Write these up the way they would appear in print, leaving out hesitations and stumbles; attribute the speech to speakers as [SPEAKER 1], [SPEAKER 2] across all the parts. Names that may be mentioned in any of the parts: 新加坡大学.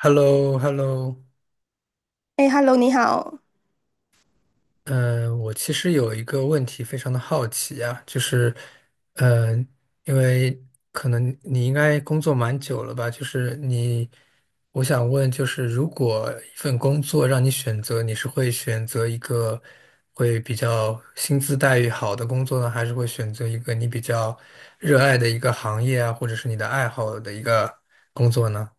[SPEAKER 1] h e l l o h e l l o
[SPEAKER 2] 哎，Hello，你好。
[SPEAKER 1] 我其实有一个问题非常的好奇啊，就是，嗯，因为可能你应该工作蛮久了吧，就是你，我想问，就是如果一份工作让你选择，你是会选择一个会比较薪资待遇好的工作呢，还是会选择一个你比较热爱的一个行业啊，或者是你的爱好的一个工作呢？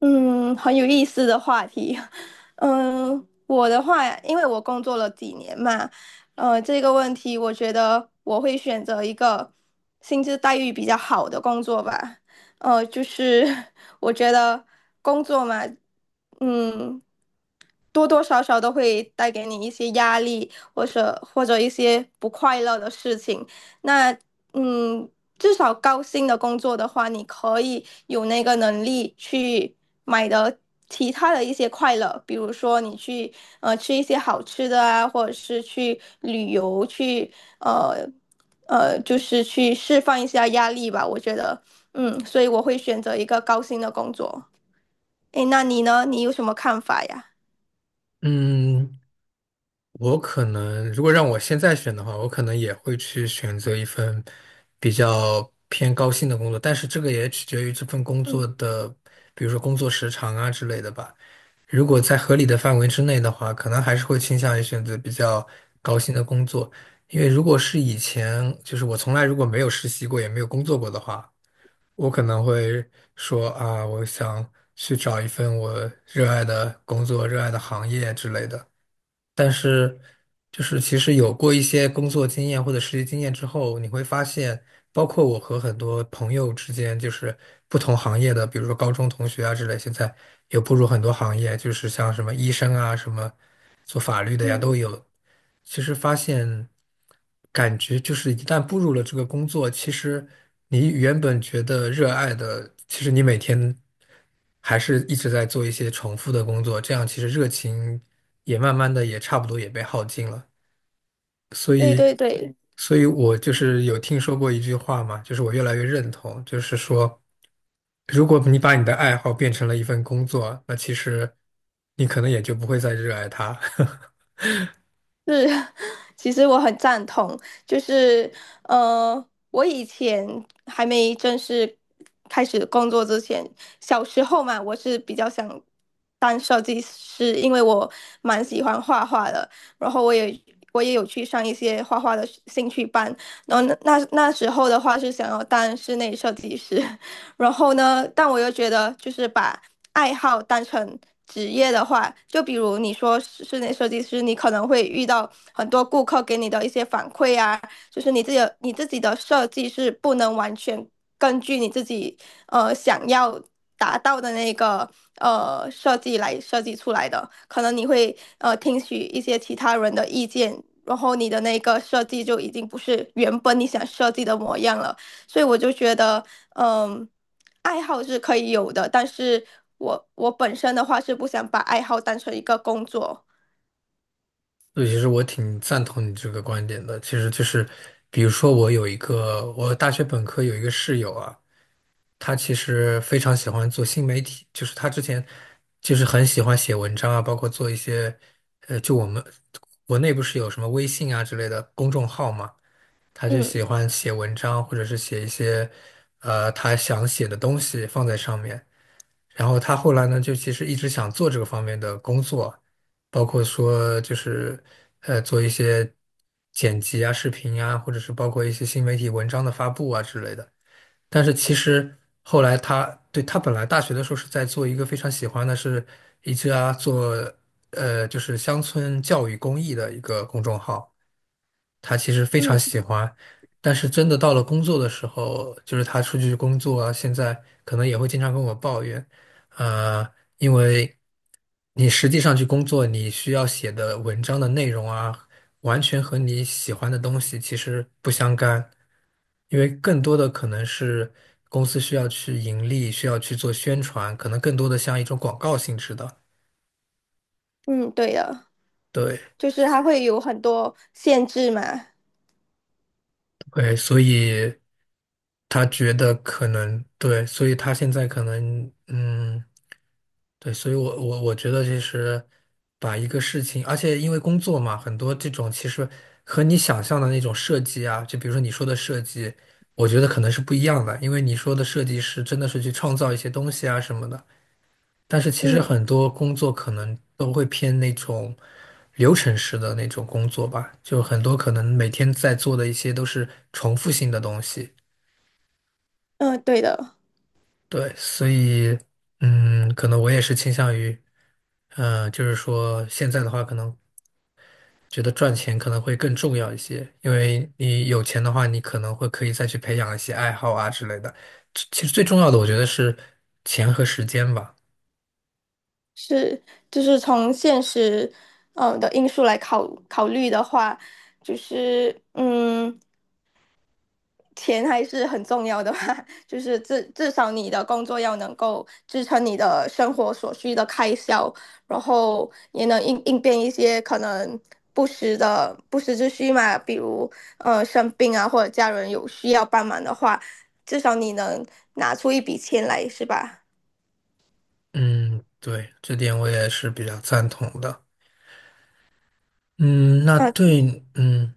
[SPEAKER 2] 嗯，很有意思的话题。嗯，我的话，因为我工作了几年嘛，这个问题我觉得我会选择一个薪资待遇比较好的工作吧。呃，就是 我觉得工作嘛，嗯。多多少少都会带给你一些压力，或者一些不快乐的事情。那嗯，至少高薪的工作的话，你可以有那个能力去买的其他的一些快乐，比如说你去吃一些好吃的啊，或者是去旅游，去呃就是去释放一下压力吧。我觉得，嗯，所以我会选择一个高薪的工作。诶，那你呢？你有什么看法呀？
[SPEAKER 1] 嗯，我可能如果让我现在选的话，我可能也会去选择一份比较偏高薪的工作，但是这个也取决于这份工作的，比如说工作时长啊之类的吧。如果在合理的范围之内的话，可能还是会倾向于选择比较高薪的工作，因为如果是以前，就是我从来如果没有实习过，也没有工作过的话，我可能会说啊，我想去找一份我热爱的工作、热爱的行业之类的。但是，就是其实有过一些工作经验或者实习经验之后，你会发现，包括我和很多朋友之间，就是不同行业的，比如说高中同学啊之类，现在有步入很多行业，就是像什么医生啊，什么做法律的呀都
[SPEAKER 2] 嗯。
[SPEAKER 1] 有。其实发现，感觉就是一旦步入了这个工作，其实你原本觉得热爱的，其实你每天。还是一直在做一些重复的工作，这样其实热情也慢慢的也差不多也被耗尽了。
[SPEAKER 2] 对对对，
[SPEAKER 1] 所以我就是有听说过一句话嘛，就是我越来越认同，就是说，如果你把你的爱好变成了一份工作，那其实你可能也就不会再热爱它。
[SPEAKER 2] 是，其实我很赞同，就是呃，我以前还没正式开始工作之前，小时候嘛，我是比较想当设计师，因为我蛮喜欢画画的，然后我也有去上一些画画的兴趣班，然后那时候的话是想要当室内设计师，然后呢，但我又觉得，就是把爱好当成职业的话，就比如你说室内设计师，你可能会遇到很多顾客给你的一些反馈啊，就是你自己的设计是不能完全根据你自己想要达到的那个设计来设计出来的，可能你会听取一些其他人的意见。然后你的那个设计就已经不是原本你想设计的模样了，所以我就觉得，嗯，爱好是可以有的，但是我本身的话是不想把爱好当成一个工作。
[SPEAKER 1] 所以，其实我挺赞同你这个观点的。其实就是，比如说我有一个，我大学本科有一个室友啊。他其实非常喜欢做新媒体，就是他之前就是很喜欢写文章啊，包括做一些，就我们国内不是有什么微信啊之类的公众号嘛，他就喜
[SPEAKER 2] 嗯
[SPEAKER 1] 欢写文章或者是写一些，他想写的东西放在上面。然后他后来呢，就其实一直想做这个方面的工作，包括说就是做一些剪辑啊、视频啊，或者是包括一些新媒体文章的发布啊之类的。但是其实后来他对他本来大学的时候是在做一个非常喜欢的是一家做就是乡村教育公益的一个公众号，他其实非常
[SPEAKER 2] 嗯
[SPEAKER 1] 喜欢，但是真的到了工作的时候，就是他出去工作啊，现在可能也会经常跟我抱怨，呃，因为你实际上去工作，你需要写的文章的内容啊，完全和你喜欢的东西其实不相干，因为更多的可能是公司需要去盈利，需要去做宣传，可能更多的像一种广告性质的，
[SPEAKER 2] 嗯，对的，
[SPEAKER 1] 对。
[SPEAKER 2] 就是它会有很多限制嘛。
[SPEAKER 1] 对，所以他觉得可能对，所以他现在可能嗯，对，所以我觉得其实把一个事情，而且因为工作嘛，很多这种其实和你想象的那种设计啊，就比如说你说的设计，我觉得可能是不一样的，因为你说的设计师真的是去创造一些东西啊什么的，但是其实
[SPEAKER 2] 嗯
[SPEAKER 1] 很多工作可能都会偏那种流程式的那种工作吧，就很多可能每天在做的一些都是重复性的东西。
[SPEAKER 2] 嗯，对的，
[SPEAKER 1] 对，所以嗯，可能我也是倾向于，就是说现在的话，可能觉得赚钱可能会更重要一些，因为你有钱的话，你可能会可以再去培养一些爱好啊之类的。其实最重要的，我觉得是钱和时间吧。
[SPEAKER 2] 是就是从现实嗯的因素来考虑的话，就是嗯，钱还是很重要的吧，就是至少你的工作要能够支撑你的生活所需的开销，然后也能应变一些可能不时之需嘛，比如生病啊，或者家人有需要帮忙的话，至少你能拿出一笔钱来，是吧？
[SPEAKER 1] 嗯，对，这点我也是比较赞同的。嗯，那
[SPEAKER 2] 呃，
[SPEAKER 1] 对，嗯，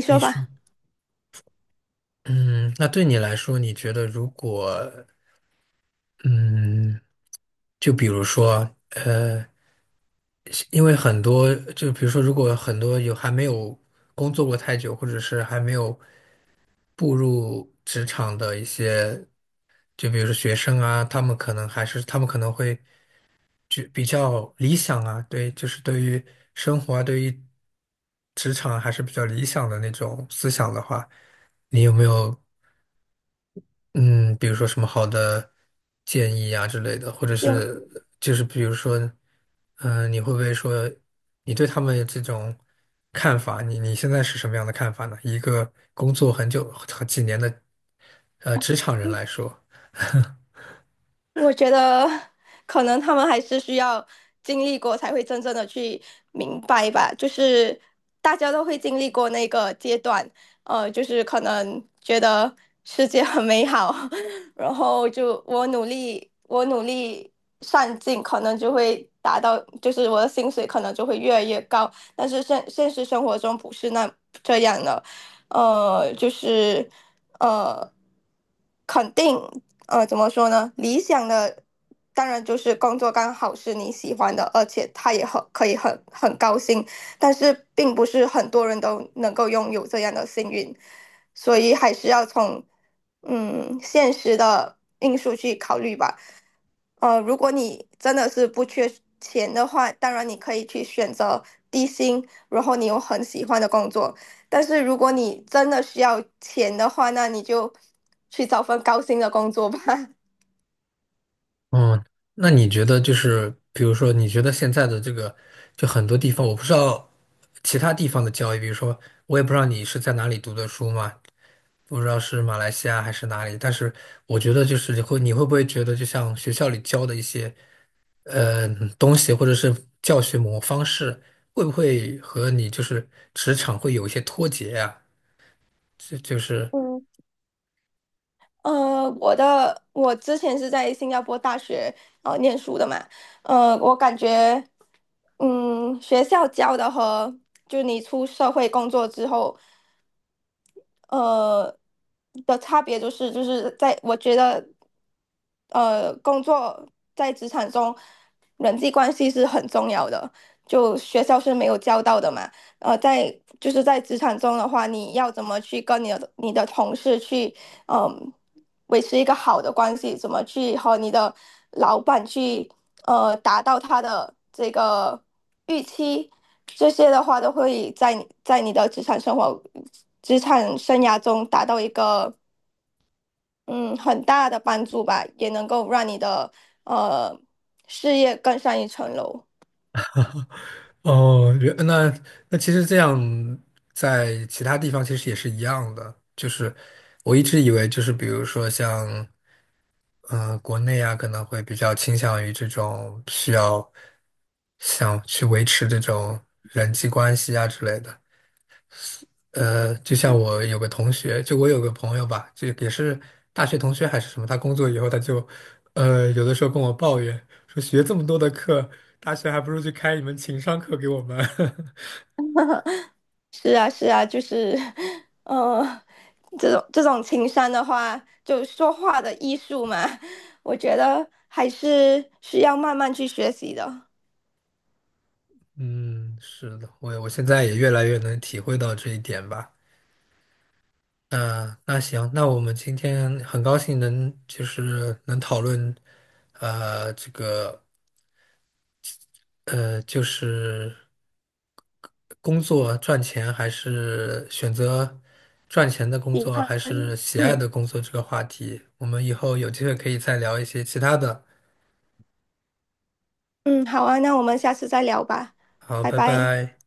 [SPEAKER 2] 你
[SPEAKER 1] 你
[SPEAKER 2] 说
[SPEAKER 1] 说，
[SPEAKER 2] 吧，
[SPEAKER 1] 嗯，那对你来说，你觉得如果，嗯，就比如说，因为很多，就比如说，如果很多有还没有工作过太久，或者是还没有步入职场的一些，就比如说学生啊，他们可能还是，他们可能会。就比较理想啊，对，就是对于生活啊，对于职场还是比较理想的那种思想的话，你有没有嗯，比如说什么好的建议啊之类的，或者
[SPEAKER 2] 这样。
[SPEAKER 1] 是就是比如说，嗯、你会不会说你对他们这种看法，你现在是什么样的看法呢？一个工作很久很几年的职场人来说，
[SPEAKER 2] 我觉得可能他们还是需要经历过，才会真正的去明白吧。就是大家都会经历过那个阶段，就是可能觉得世界很美好，然后就我努力，我努力上进，可能就会达到，就是我的薪水可能就会越来越高。但是现实生活中不是那这样的，呃，就是呃，肯定。呃，怎么说呢？理想的当然就是工作刚好是你喜欢的，而且他也很可以很高兴，但是并不是很多人都能够拥有这样的幸运，所以还是要从嗯现实的因素去考虑吧。如果你真的是不缺钱的话，当然你可以去选择低薪，然后你有很喜欢的工作。但是如果你真的需要钱的话，那你就去找份高薪的工作吧。
[SPEAKER 1] 嗯，那你觉得就是，比如说，你觉得现在的这个，就很多地方，我不知道其他地方的教育，比如说，我也不知道你是在哪里读的书嘛，不知道是马来西亚还是哪里，但是我觉得就是你会不会觉得，就像学校里教的一些呃东西，或者是教学模方式，会不会和你就是职场会有一些脱节呀？就就是。
[SPEAKER 2] 嗯 我之前是在新加坡大学念书的嘛，呃，我感觉，嗯，学校教的和就你出社会工作之后呃的差别就是在我觉得工作在职场中人际关系是很重要的，就学校是没有教到的嘛。呃，在就是在职场中的话，你要怎么去跟你的同事去嗯，维持一个好的关系，怎么去和你的老板去达到他的这个预期，这些的话都会在你的职场生活、职场生涯中达到一个嗯很大的帮助吧，也能够让你的呃事业更上一层楼。
[SPEAKER 1] 哦，原那那其实这样，在其他地方其实也是一样的。就是我一直以为，就是比如说像嗯、国内啊，可能会比较倾向于这种需要想去维持这种人际关系啊之类的。就像我有个同学，就我有个朋友吧，就也是大学同学还是什么，他工作以后他就有的时候跟我抱怨说，学这么多的课，大学还不如去开一门情商课给我们。
[SPEAKER 2] 是啊，是啊，就是，呃，这种情商的话，就说话的艺术嘛，我觉得还是需要慢慢去学习的。
[SPEAKER 1] 嗯，是的，我现在也越来越能体会到这一点吧。那那行，那我们今天很高兴能就是能讨论，这个就是工作赚钱还是选择赚钱的工
[SPEAKER 2] 你
[SPEAKER 1] 作
[SPEAKER 2] 看，
[SPEAKER 1] 还是喜爱
[SPEAKER 2] 嗯
[SPEAKER 1] 的工作这个话题，我们以后有机会可以再聊一些其他的。
[SPEAKER 2] 嗯，好啊，那我们下次再聊吧，
[SPEAKER 1] 好，
[SPEAKER 2] 拜
[SPEAKER 1] 拜
[SPEAKER 2] 拜。
[SPEAKER 1] 拜。